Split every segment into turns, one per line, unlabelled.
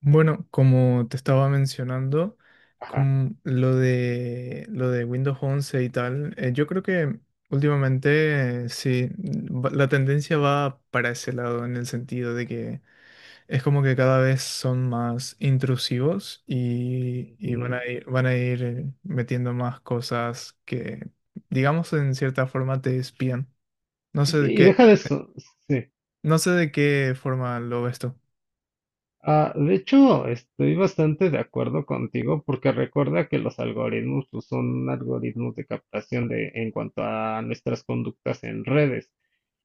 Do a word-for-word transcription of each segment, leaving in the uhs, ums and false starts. Bueno, como te estaba mencionando,
Ajá.
con lo de, lo de Windows once y tal, eh, yo creo que últimamente eh, sí, mm, va- la tendencia va para ese lado, en el sentido de que es como que cada vez son más intrusivos y, y van
Mm,
a ir, van a ir eh, metiendo más cosas que, digamos, en cierta forma te espían. No sé de
Y
qué,
deja de eso, sí.
no sé de qué forma lo ves tú.
Ah, de hecho, estoy bastante de acuerdo contigo porque recuerda que los algoritmos pues, son algoritmos de captación de en cuanto a nuestras conductas en redes.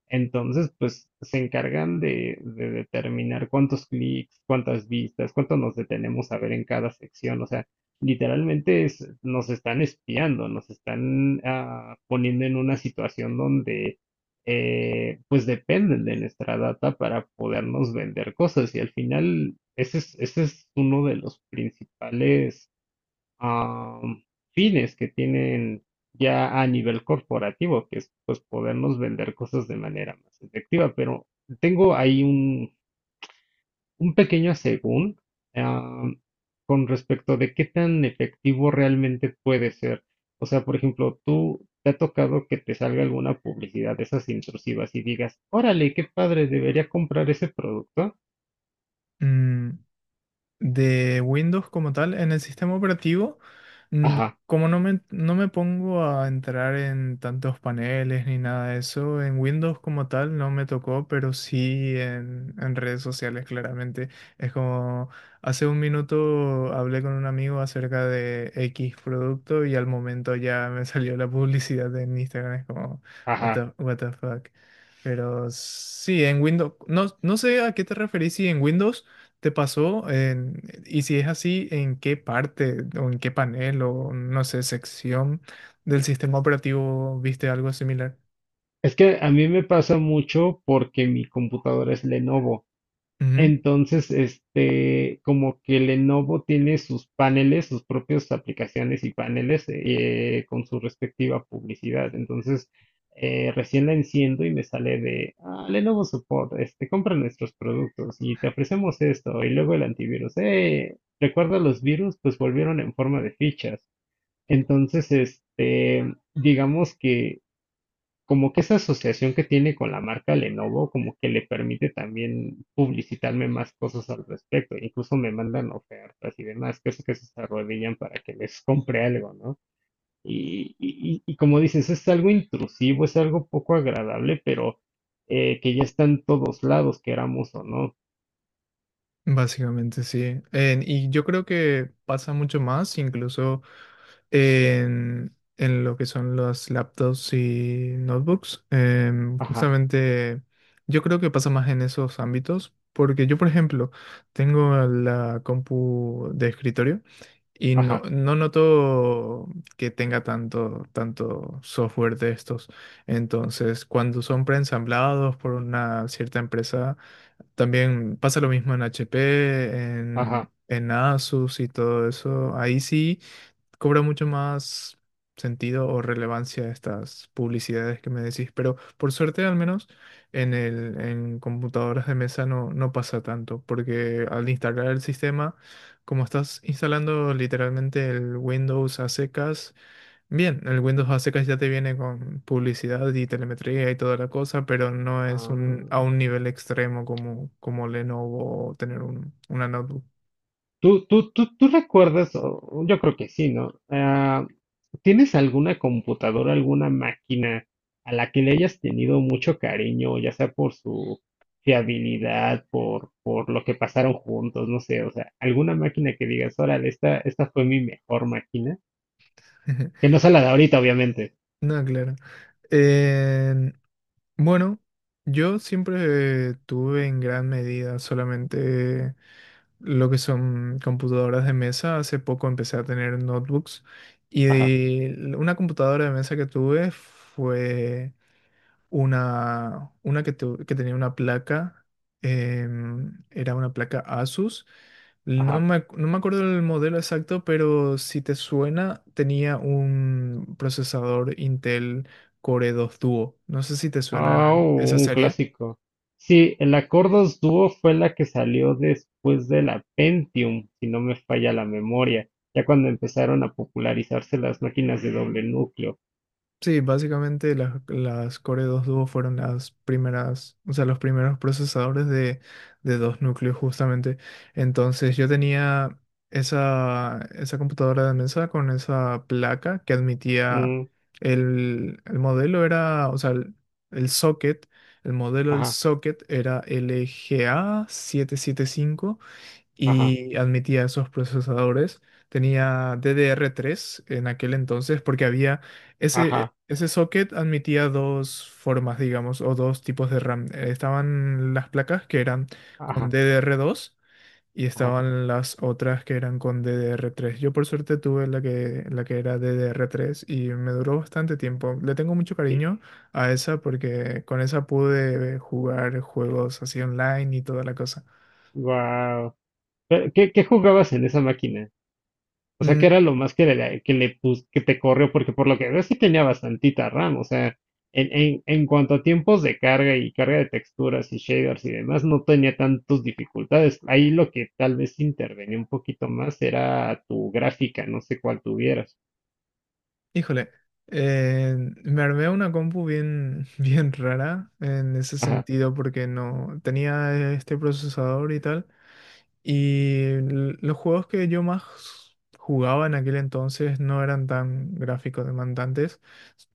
Entonces, pues se encargan de, de determinar cuántos clics, cuántas vistas, cuánto nos detenemos a ver en cada sección. O sea, literalmente es- nos están espiando, nos están ah, poniendo en una situación donde eh, pues dependen de nuestra data para podernos vender cosas. Y al final, ese es, ese es uno de los principales am, fines que tienen ya a nivel corporativo, que es pues podernos vender cosas de manera más efectiva. Pero tengo ahí un, un pequeño según am, con respecto de qué tan efectivo realmente puede ser. O sea, por ejemplo, tú te ha tocado que te salga alguna publicidad de esas intrusivas y digas, órale, qué padre, debería comprar ese producto.
Mm, de Windows como tal, en el sistema operativo, mm,
Ajá,
como no me, no me pongo a entrar en tantos paneles ni nada de eso, en Windows como tal no me tocó, pero sí en, en redes sociales claramente. Es como, hace un minuto hablé con un amigo acerca de X producto y al momento ya me salió la publicidad en Instagram, es como, what
ajá.
the, what the fuck. Pero sí, en Windows, no, no sé a qué te referís, ¿si en Windows te pasó? En- y si es así, ¿en qué parte o en qué panel o no sé, sección del sistema operativo viste algo similar?
Es que a mí me pasa mucho porque mi computadora es Lenovo.
Ujú.
Entonces, este, como que Lenovo tiene sus paneles, sus propias aplicaciones y paneles eh, eh, con su respectiva publicidad. Entonces, eh, recién la enciendo y me sale de "Ah, Lenovo Support, este, compra nuestros productos y te ofrecemos esto y luego el antivirus. Eh, recuerda los virus, pues volvieron en forma de fichas. Entonces, este, digamos que como que esa asociación que tiene con la marca Lenovo, como que le permite también publicitarme más cosas al respecto. Incluso me mandan ofertas y demás, que es que se arrodillan para que les compre algo, ¿no? Y, y, y como dices, es algo intrusivo, es algo poco agradable, pero eh, que ya está en todos lados, queramos o no.
Básicamente sí. En- y yo creo que pasa mucho más, incluso en, en lo que son los laptops y notebooks. Em,
Ajá,
justamente yo creo que pasa más en esos ámbitos, porque yo, por ejemplo, tengo la compu de escritorio. Y no,
ajá,
no noto que tenga tanto, tanto software de estos. Entonces, cuando son preensamblados por una cierta empresa, también pasa lo mismo en H P, en,
ajá.
en Asus y todo eso. Ahí sí cobra mucho más sentido o relevancia estas publicidades que me decís, pero por suerte al menos en el, en computadoras de mesa no, no pasa tanto, porque al instalar el sistema, como estás instalando literalmente el Windows a secas, bien, el Windows a secas ya te viene con publicidad y telemetría y toda la cosa, pero no es un, a
Ah.
un nivel extremo como, como Lenovo o tener un, una notebook.
¿Tú, tú, tú, tú recuerdas, o- yo creo que sí, ¿no? Ah, ¿tienes alguna computadora, alguna máquina a la que le hayas tenido mucho cariño, ya sea por su fiabilidad, por, por lo que pasaron juntos, no sé, o sea, alguna máquina que digas, órale, esta, esta fue mi mejor máquina, que no sea la de ahorita, obviamente.
No, claro. Eh, bueno, yo siempre tuve en gran medida solamente lo que son computadoras de mesa. Hace poco empecé a tener notebooks
Ajá,
y una computadora de mesa que tuve fue una, una que, tu- que tenía una placa, em, era una placa Asus. No
ajá.
me, ac- no me acuerdo el modelo exacto, pero si te suena, tenía un procesador Intel Core dos Duo. No sé si te
Ah,
suena
oh,
esa
un
serie.
clásico. Sí, el Acordos Duo fue la que salió después de la Pentium, si no me falla la memoria, ya cuando empezaron a popularizarse las máquinas de doble núcleo.
Sí, básicamente las, las Core dos Duo fueron las primeras, o sea, los primeros procesadores de, de dos núcleos justamente. Entonces yo tenía esa, esa computadora de mesa con esa placa que admitía
Mm,
el, el modelo era, o sea, el, el socket, el modelo del
ajá,
socket era L G A setecientos setenta y cinco
ajá,
y admitía esos procesadores. Tenía D D R tres en aquel entonces porque había ese,
ajá,
ese socket admitía dos formas, digamos, o dos tipos de RAM. Eh, Estaban las placas que eran con
ajá,
D D R dos y
ajá.
estaban las otras que eran con D D R tres. Yo por suerte tuve la que, la que era D D R tres y me duró bastante tiempo. Le tengo mucho cariño a esa porque con esa pude jugar juegos así online y toda la cosa.
Wow. ¿Qué, qué jugabas en esa máquina? O sea, que
Mm,
era lo más que le, que le pus- que te corrió, porque por lo que veo sí tenía bastantita RAM. O sea, en, en, en cuanto a tiempos de carga y carga de texturas y shaders y demás, no tenía tantas dificultades. Ahí lo que tal vez intervenía un poquito más era tu gráfica, no sé cuál tuvieras.
Híjole, eh, me armé una compu bien, bien rara en ese
Ajá,
sentido porque no tenía este procesador y tal. Y l- los juegos que yo más jugaba en aquel entonces no eran tan gráficos demandantes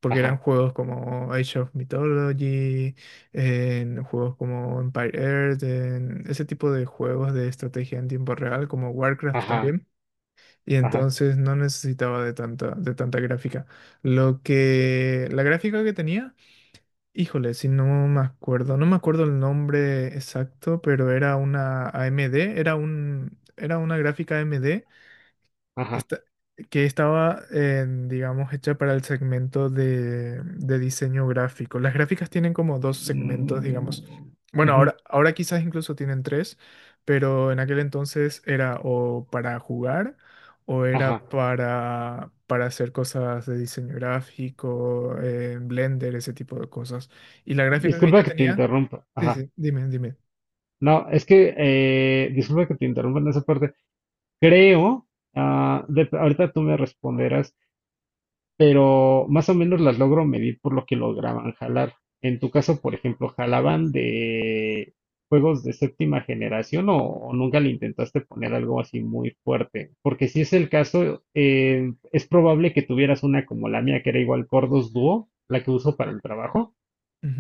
porque eran
ajá,
juegos como Age of Mythology, en juegos como Empire Earth, en ese tipo de juegos de estrategia en tiempo real como Warcraft
ajá,
también. Y
ajá,
entonces no necesitaba de tanta, de tanta gráfica. Lo que, la gráfica que tenía, híjole, si no me acuerdo, no me acuerdo el nombre exacto, pero era una A M D, era un, era una gráfica A M D
ajá.
esta- que estaba, en, digamos, hecha para el segmento de, de diseño gráfico. Las gráficas tienen como dos segmentos,
Mm,
digamos. Bueno,
ujú,
ahora, ahora quizás incluso tienen tres, pero en aquel entonces era o para jugar o era
ajá.
para, para hacer cosas de diseño gráfico, en Blender, ese tipo de cosas. Y la gráfica que ella
Disculpa que te
tenía,
interrumpa.
sí,
Ajá.
sí, dime, dime.
No, es que, eh, disculpa que te interrumpa en esa parte. Creo, ah, de- ahorita tú me responderás, pero más o menos las logro medir por lo que lograban jalar. En tu caso, por ejemplo, ¿jalaban de juegos de séptima generación o, o nunca le intentaste poner algo así muy fuerte? Porque si es el caso, eh, es probable que tuvieras una como la mía, que era igual Cordos Duo, la que uso para el trabajo,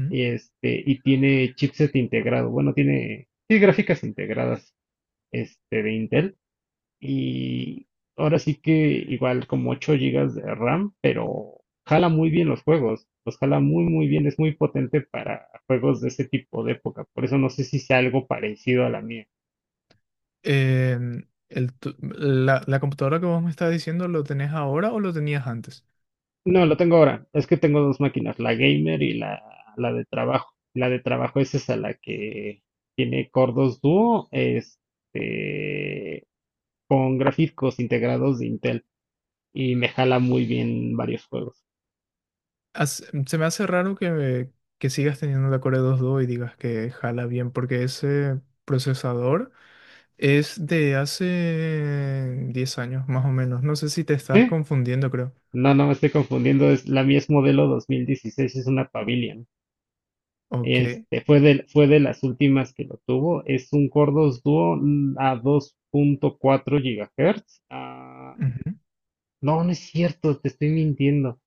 este, y tiene chipset integrado, bueno, tiene, tiene gráficas integradas, este, de Intel. Y ahora sí que igual como ocho gigas de RAM, pero jala muy bien los juegos. Los jala muy, muy bien. Es muy potente para juegos de ese tipo de época. Por eso no sé si sea algo parecido a la mía.
Eh, el tu- la, la computadora que vos me estás diciendo, ¿lo tenés ahora o lo tenías antes?
No, lo tengo ahora. Es que tengo dos máquinas, la gamer y la, la de trabajo. La de trabajo es esa, la que tiene Core dos Duo, este, con gráficos integrados de Intel y me jala muy bien varios juegos.
As- se me hace raro que, que sigas teniendo la Core dos punto dos y digas que jala bien, porque ese procesador es de hace diez años más o menos. No sé si te estás
Sí,
confundiendo, creo.
no, no me estoy confundiendo. Es, la Mies modelo dos mil dieciséis, es una Pavilion.
Ok.
Este, fue de, fue de las últimas que lo tuvo. Es un Cordos Duo mm, a dos punto cuatro GHz. Ah,
Ujú.
no, no es cierto, te estoy mintiendo.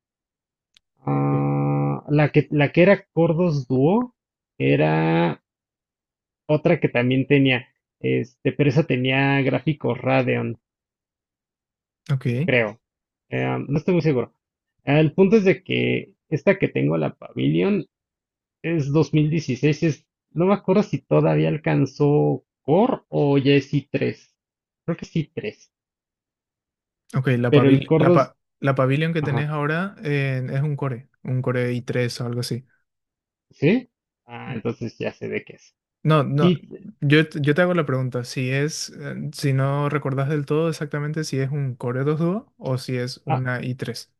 Ah, la que, la que era Cordos Duo era otra que también tenía, este, pero esa tenía gráficos Radeon,
Ok.
creo. Eh, no estoy muy seguro. El punto es de que esta que tengo, la Pavilion, es dos mil dieciséis, es, no me acuerdo si todavía alcanzó Core o ya es i tres. Creo que es i tres,
Ok, la,
pero el
Pavil-
Core
la,
dos
pa- la Pavilion que tenés
ajá,
ahora eh, es un Core, un Core i tres o algo así.
¿sí? Ah, entonces ya sé de qué es.
No, no,
Sí,
yo, t- yo te hago la pregunta, si es, eh, si no recordás del todo exactamente si es un Core dos Duo o si es
ah,
una i tres.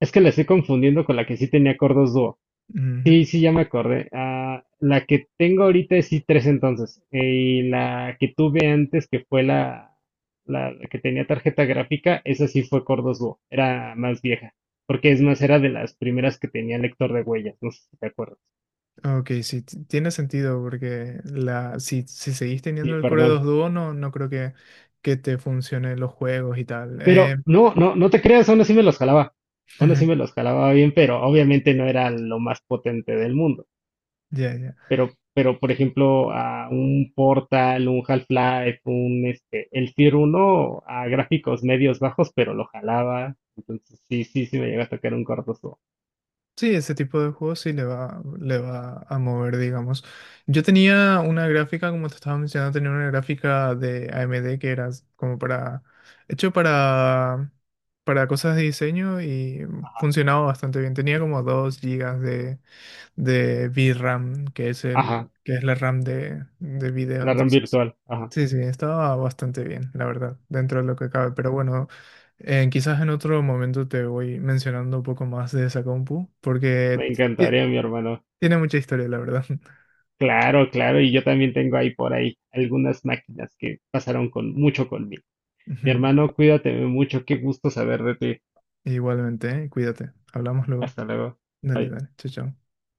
es que la estoy confundiendo con la que sí tenía Core dos Duo.
Ujú.
Sí, sí, ya me acordé. Ah, la que tengo ahorita es i tres entonces. Eh, Y la que tuve antes, que fue la, la que tenía tarjeta gráfica, esa sí fue Core dos Duo. Era más vieja. Porque es más, era de las primeras que tenía lector de huellas. No sé si te acuerdas.
Ok, sí, t- tiene sentido porque la, si, si seguís teniendo
Sí,
el Core dos
perdón.
Duo no, no creo que, que te funcionen los juegos y tal. Eh,
Pero no, no, no te creas, aún así me los jalaba. Aún así me los jalaba bien, pero obviamente no era lo más potente del mundo.
ya, ya.
pero, pero por ejemplo, a un Portal, un Half-Life, un este, el Tier uno a gráficos medios bajos, pero lo jalaba. Entonces, sí, sí, sí me llega a tocar un cortoso.
Sí, ese tipo de juegos sí le va, le va a mover, digamos. Yo tenía una gráfica, como te estaba mencionando, tenía una gráfica de A M D que era como para, hecho para, para cosas de diseño y funcionaba bastante bien. Tenía como dos gigas de, de VRAM, que es
Ajá,
el, que es la RAM de, de video.
la RAM
Entonces,
virtual. Ajá,
sí, sí, estaba bastante bien, la verdad, dentro de lo que cabe. Pero bueno, eh, quizás en otro momento te voy mencionando un poco más de esa compu, porque
me
ti-
encantaría, mi hermano.
tiene mucha historia, la verdad.
Claro, claro, y yo también tengo ahí por ahí algunas máquinas que pasaron con mucho conmigo. Mi
Ujú.
hermano, cuídate mucho, qué gusto saber de ti.
Igualmente, ¿eh? Cuídate. Hablamos luego.
Hasta luego.
Dale,
Bye.
dale. Chao, chao.